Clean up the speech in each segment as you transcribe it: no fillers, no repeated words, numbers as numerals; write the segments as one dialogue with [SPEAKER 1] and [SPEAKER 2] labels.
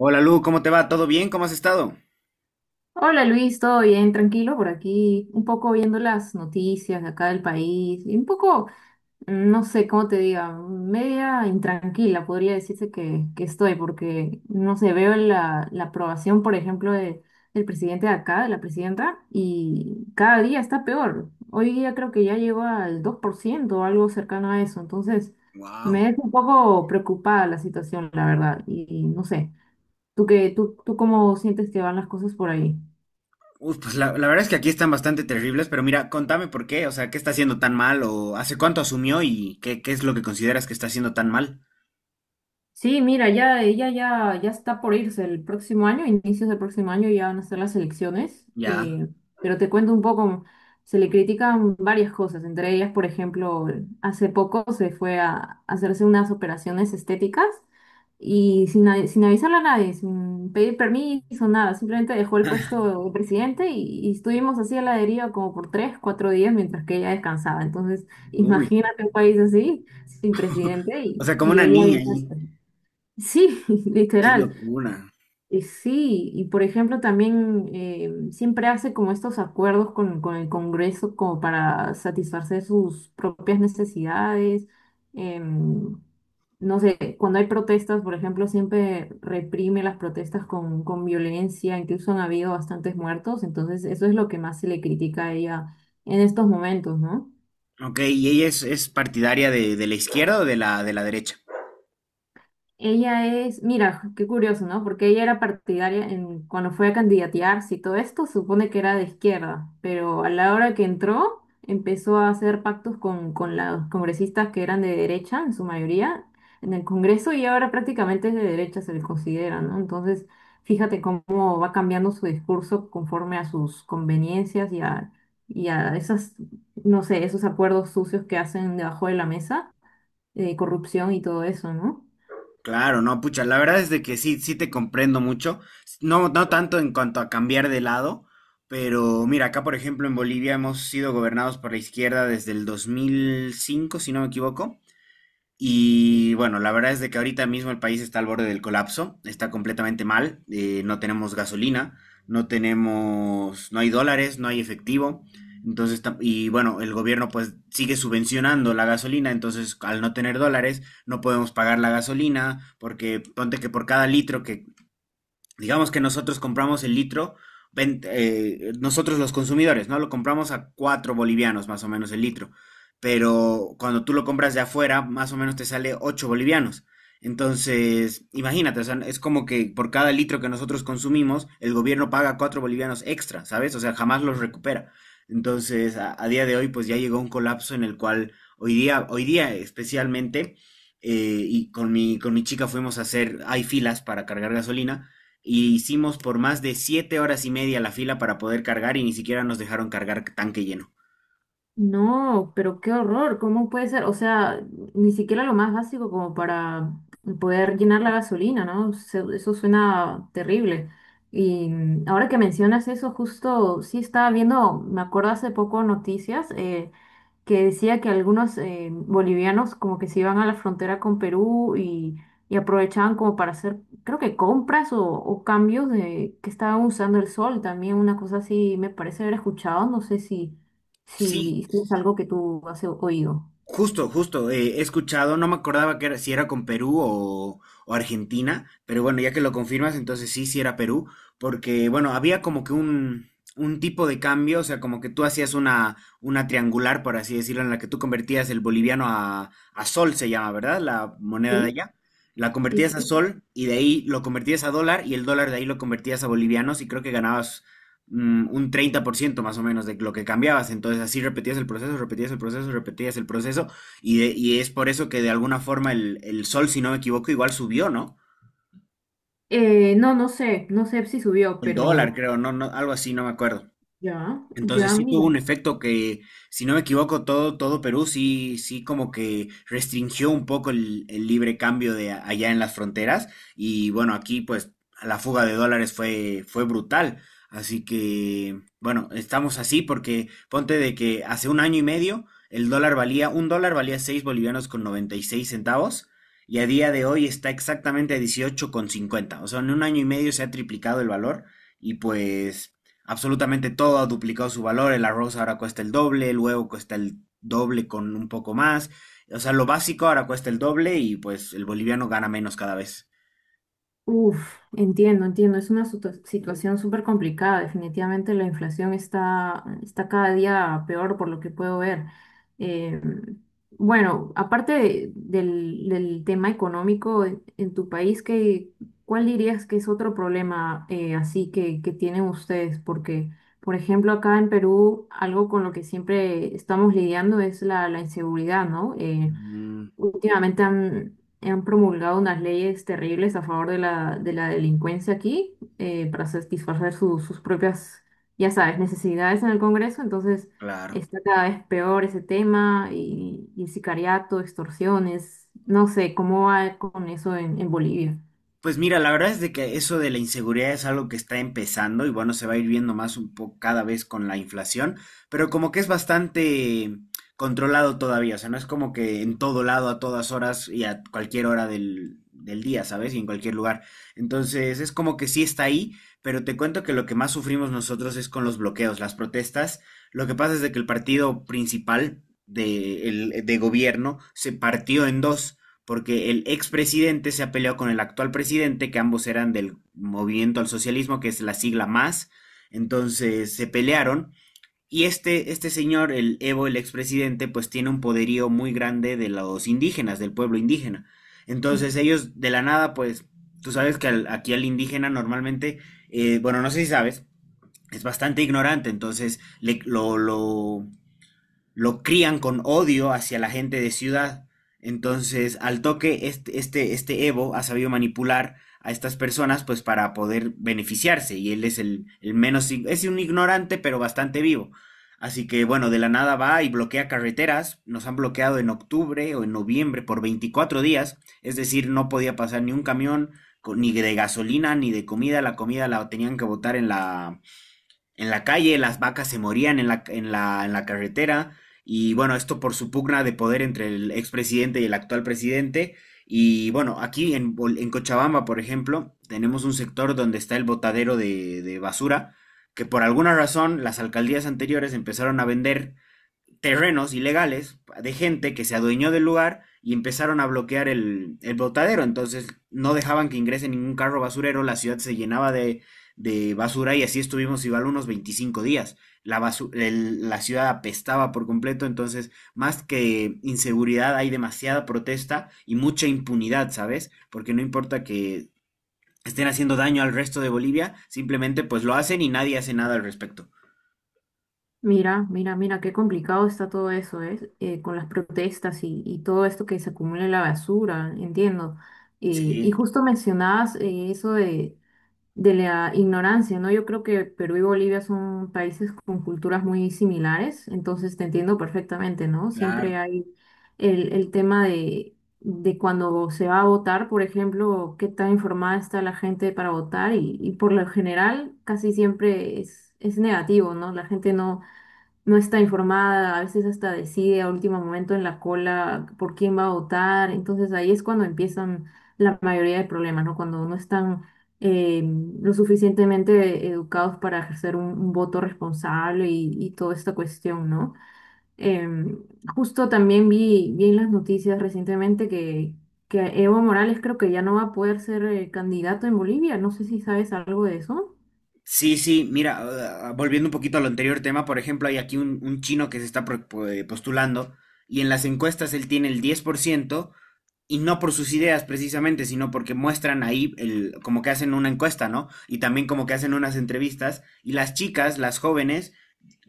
[SPEAKER 1] Hola Lu, ¿cómo te va? ¿Todo bien? ¿Cómo has estado?
[SPEAKER 2] Hola Luis, ¿todo bien? Tranquilo por aquí, un poco viendo las noticias de acá del país y un poco, no sé cómo te diga, media intranquila podría decirse que estoy porque, no sé, veo la aprobación, por ejemplo, del presidente de acá, de la presidenta, y cada día está peor. Hoy día creo que ya llegó al 2% o algo cercano a eso, entonces
[SPEAKER 1] Wow.
[SPEAKER 2] me es un poco preocupada la situación, la verdad, y no sé, ¿tú tú cómo sientes que van las cosas por ahí?
[SPEAKER 1] Uf, pues la verdad es que aquí están bastante terribles, pero mira, contame por qué, o sea, ¿qué está haciendo tan mal o hace cuánto asumió y qué es lo que consideras que está haciendo tan mal?
[SPEAKER 2] Sí, mira, ya ella ya está por irse el próximo año, inicios del próximo año ya van a ser las elecciones,
[SPEAKER 1] Ya.
[SPEAKER 2] pero te cuento un poco, se le critican varias cosas, entre ellas, por ejemplo, hace poco se fue a hacerse unas operaciones estéticas y sin avisarle a nadie, sin pedir permiso, nada, simplemente dejó el puesto de presidente y estuvimos así a la deriva como por tres, cuatro días mientras que ella descansaba. Entonces,
[SPEAKER 1] Uy.
[SPEAKER 2] imagínate un país así, sin presidente
[SPEAKER 1] O sea, como
[SPEAKER 2] y
[SPEAKER 1] una
[SPEAKER 2] ella
[SPEAKER 1] niña
[SPEAKER 2] bien.
[SPEAKER 1] ahí.
[SPEAKER 2] Sí,
[SPEAKER 1] Qué
[SPEAKER 2] literal.
[SPEAKER 1] locura.
[SPEAKER 2] Sí, y por ejemplo también siempre hace como estos acuerdos con el Congreso como para satisfacer sus propias necesidades. Em, no sé, cuando hay protestas, por ejemplo, siempre reprime las protestas con violencia, incluso han habido bastantes muertos, entonces eso es lo que más se le critica a ella en estos momentos, ¿no?
[SPEAKER 1] Ok, ¿y ella es partidaria de la izquierda o de la derecha?
[SPEAKER 2] Ella es, mira, qué curioso, ¿no? Porque ella era partidaria en, cuando fue a candidatearse y todo esto, supone que era de izquierda, pero a la hora que entró, empezó a hacer pactos con los congresistas que eran de derecha, en su mayoría, en el Congreso, y ahora prácticamente es de derecha, se le considera, ¿no? Entonces, fíjate cómo va cambiando su discurso conforme a sus conveniencias y a esas, no sé, esos acuerdos sucios que hacen debajo de la mesa, de corrupción y todo eso, ¿no?
[SPEAKER 1] Claro, no, pucha, la verdad es de que sí, sí te comprendo mucho. No, no tanto en cuanto a cambiar de lado, pero mira, acá por ejemplo en Bolivia hemos sido gobernados por la izquierda desde el 2005, si no me equivoco. Y bueno, la verdad es de que ahorita mismo el país está al borde del colapso, está completamente mal, no tenemos gasolina, no tenemos, no hay dólares, no hay efectivo. Entonces, y bueno, el gobierno pues sigue subvencionando la gasolina, entonces al no tener dólares no podemos pagar la gasolina, porque ponte que por cada litro que digamos que nosotros compramos el litro, nosotros los consumidores, ¿no? Lo compramos a 4 bolivianos más o menos el litro, pero cuando tú lo compras de afuera, más o menos te sale 8 bolivianos. Entonces, imagínate, o sea, es como que por cada litro que nosotros consumimos, el gobierno paga 4 bolivianos extra, ¿sabes? O sea, jamás los recupera. Entonces, a día de hoy, pues ya llegó un colapso en el cual hoy día especialmente, y con mi chica fuimos a hacer, hay filas para cargar gasolina, y hicimos por más de 7 horas y media la fila para poder cargar y ni siquiera nos dejaron cargar tanque lleno.
[SPEAKER 2] No, pero qué horror, ¿cómo puede ser? O sea, ni siquiera lo más básico como para poder llenar la gasolina, ¿no? Eso suena terrible. Y ahora que mencionas eso, justo sí estaba viendo, me acuerdo hace poco noticias, que decía que algunos bolivianos como que se iban a la frontera con Perú y aprovechaban como para hacer, creo que compras o cambios de que estaban usando el sol también, una cosa así me parece haber escuchado, no sé si,
[SPEAKER 1] Sí,
[SPEAKER 2] si, si es algo que tú has oído.
[SPEAKER 1] justo, he escuchado, no me acordaba que era, si era con Perú o Argentina, pero bueno, ya que lo confirmas, entonces sí, sí era Perú, porque bueno, había como que un tipo de cambio, o sea, como que tú hacías una triangular, por así decirlo, en la que tú convertías el boliviano a sol, se llama, ¿verdad? La moneda de
[SPEAKER 2] Sí,
[SPEAKER 1] allá. La
[SPEAKER 2] sí,
[SPEAKER 1] convertías a
[SPEAKER 2] sí.
[SPEAKER 1] sol y de ahí lo convertías a dólar y el dólar de ahí lo convertías a bolivianos y creo que ganabas un 30% más o menos de lo que cambiabas. Entonces así repetías el proceso, repetías el proceso, repetías el proceso. Y es por eso que de alguna forma el sol, si no me equivoco, igual subió, ¿no?
[SPEAKER 2] No sé, no sé si subió,
[SPEAKER 1] El dólar,
[SPEAKER 2] pero
[SPEAKER 1] creo, no, no, algo así, no me acuerdo.
[SPEAKER 2] ya,
[SPEAKER 1] Entonces
[SPEAKER 2] ya,
[SPEAKER 1] sí tuvo
[SPEAKER 2] mira.
[SPEAKER 1] un efecto que, si no me equivoco, todo Perú sí, sí como que restringió un poco el libre cambio allá en las fronteras. Y bueno, aquí pues la fuga de dólares fue, fue brutal. Así que, bueno, estamos así porque ponte de que hace un año y medio el dólar valía, un dólar valía 6 bolivianos con 96 centavos y a día de hoy está exactamente a 18 con 50. O sea, en un año y medio se ha triplicado el valor. Y pues absolutamente todo ha duplicado su valor, el arroz ahora cuesta el doble, el huevo cuesta el doble con un poco más, o sea, lo básico ahora cuesta el doble y pues el boliviano gana menos cada vez.
[SPEAKER 2] Uf, entiendo, entiendo. Es una situación súper complicada. Definitivamente la inflación está, está cada día peor por lo que puedo ver. Eh, bueno, aparte del tema económico en tu país, cuál dirías que es otro problema así que tienen ustedes? Porque, por ejemplo, acá en Perú, algo con lo que siempre estamos lidiando es la inseguridad, ¿no?
[SPEAKER 1] Mm,
[SPEAKER 2] Últimamente han promulgado unas leyes terribles a favor de la delincuencia aquí para satisfacer sus propias, ya sabes, necesidades en el Congreso. Entonces
[SPEAKER 1] claro.
[SPEAKER 2] está cada vez peor ese tema y sicariato, extorsiones. No sé cómo va con eso en Bolivia.
[SPEAKER 1] Pues mira, la verdad es de que eso de la inseguridad es algo que está empezando y bueno, se va a ir viendo más un poco cada vez con la inflación, pero como que es bastante controlado todavía, o sea, no es como que en todo lado, a todas horas y a cualquier hora del día, ¿sabes? Y en cualquier lugar. Entonces, es como que sí está ahí, pero te cuento que lo que más sufrimos nosotros es con los bloqueos, las protestas. Lo que pasa es de que el partido principal de gobierno se partió en dos porque el expresidente se ha peleado con el actual presidente, que ambos eran del Movimiento al Socialismo, que es la sigla más. Entonces se pelearon. Y este señor, el Evo, el expresidente, pues tiene un poderío muy grande de los indígenas, del pueblo indígena. Entonces ellos de la nada, pues tú sabes que aquí al indígena normalmente, bueno, no sé si sabes, es bastante ignorante, entonces lo crían con odio hacia la gente de ciudad. Entonces, al toque, este Evo ha sabido manipular a estas personas pues para poder beneficiarse. Y él es el menos, es un ignorante, pero bastante vivo. Así que bueno, de la nada va y bloquea carreteras. Nos han bloqueado en octubre o en noviembre por 24 días. Es decir, no podía pasar ni un camión, ni de gasolina, ni de comida. La comida la tenían que botar en la calle, las vacas se morían en la carretera, y bueno, esto por su pugna de poder entre el expresidente y el actual presidente. Y bueno, en Cochabamba, por ejemplo, tenemos un sector donde está el botadero de basura, que por alguna razón las alcaldías anteriores empezaron a vender terrenos ilegales de gente que se adueñó del lugar y empezaron a bloquear el botadero. Entonces no dejaban que ingrese ningún carro basurero, la ciudad se llenaba de basura y así estuvimos igual unos 25 días. La ciudad apestaba por completo, entonces más que inseguridad hay demasiada protesta y mucha impunidad, ¿sabes? Porque no importa que estén haciendo daño al resto de Bolivia, simplemente pues lo hacen y nadie hace nada al respecto.
[SPEAKER 2] Mira, mira, mira, qué complicado está todo eso, ¿eh? Con las protestas y todo esto que se acumula en la basura, entiendo. Y
[SPEAKER 1] Sí,
[SPEAKER 2] justo mencionabas eso de la ignorancia, ¿no? Yo creo que Perú y Bolivia son países con culturas muy similares, entonces te entiendo perfectamente, ¿no?
[SPEAKER 1] claro.
[SPEAKER 2] Siempre hay el tema de cuando se va a votar, por ejemplo, qué tan informada está la gente para votar y por lo general casi siempre es negativo, ¿no? La gente no está informada, a veces hasta decide a último momento en la cola por quién va a votar. Entonces ahí es cuando empiezan la mayoría de problemas, ¿no? Cuando no están eh, lo suficientemente educados para ejercer un voto responsable y toda esta cuestión, ¿no? Em, Justo también vi en las noticias recientemente que Evo Morales creo que ya no va a poder ser candidato en Bolivia. No sé si sabes algo de eso.
[SPEAKER 1] Sí, sí, mira, volviendo un poquito al anterior tema, por ejemplo, hay aquí un chino que se está postulando y en las encuestas él tiene el 10% y no por sus ideas precisamente, sino porque muestran ahí el, como que hacen una encuesta, ¿no? Y también como que hacen unas entrevistas y las jóvenes,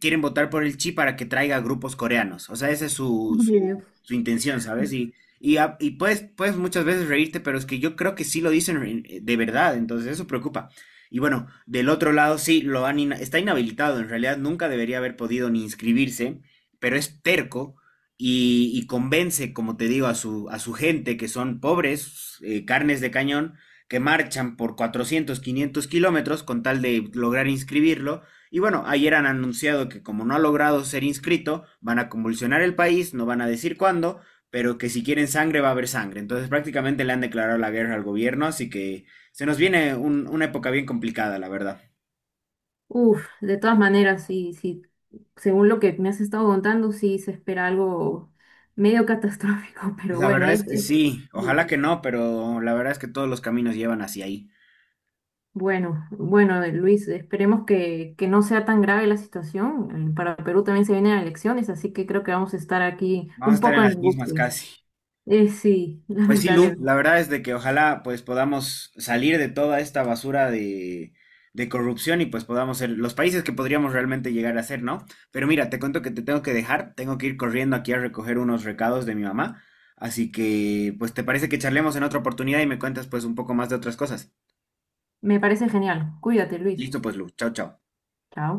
[SPEAKER 1] quieren votar por el Chi para que traiga grupos coreanos. O sea, esa es
[SPEAKER 2] Ay, Dios.
[SPEAKER 1] su intención, ¿sabes? Y puedes, puedes muchas veces reírte, pero es que yo creo que sí lo dicen de verdad, entonces eso preocupa. Y bueno, del otro lado sí, está inhabilitado, en realidad nunca debería haber podido ni inscribirse, pero es terco y convence, como te digo, a su gente, que son pobres, carnes de cañón, que marchan por 400, 500 kilómetros con tal de lograr inscribirlo y bueno, ayer han anunciado que como no ha logrado ser inscrito, van a convulsionar el país, no van a decir cuándo, pero que si quieren sangre va a haber sangre. Entonces prácticamente le han declarado la guerra al gobierno, así que se nos viene un- una época bien complicada, la verdad.
[SPEAKER 2] Uf, de todas maneras, sí, sí, según lo que me has estado contando, sí se espera algo medio catastrófico, pero
[SPEAKER 1] La
[SPEAKER 2] bueno,
[SPEAKER 1] verdad es que
[SPEAKER 2] es-
[SPEAKER 1] sí,
[SPEAKER 2] sí.
[SPEAKER 1] ojalá que no, pero la verdad es que todos los caminos llevan hacia ahí.
[SPEAKER 2] Bueno, bueno, Luis, esperemos que no sea tan grave la situación. Para Perú también se vienen elecciones, así que creo que vamos a estar aquí
[SPEAKER 1] Vamos a
[SPEAKER 2] un
[SPEAKER 1] estar en
[SPEAKER 2] poco en
[SPEAKER 1] las mismas
[SPEAKER 2] angustias.
[SPEAKER 1] casi.
[SPEAKER 2] Sí,
[SPEAKER 1] Pues sí, Lu,
[SPEAKER 2] lamentablemente.
[SPEAKER 1] la verdad es de que ojalá pues podamos salir de toda esta basura de corrupción y pues podamos ser los países que podríamos realmente llegar a ser, ¿no? Pero mira, te cuento que te tengo que dejar, tengo que ir corriendo aquí a recoger unos recados de mi mamá, así que pues te parece que charlemos en otra oportunidad y me cuentas pues un poco más de otras cosas.
[SPEAKER 2] Me parece genial. Cuídate, Luis.
[SPEAKER 1] Listo pues, Lu, chao, chao.
[SPEAKER 2] Chao.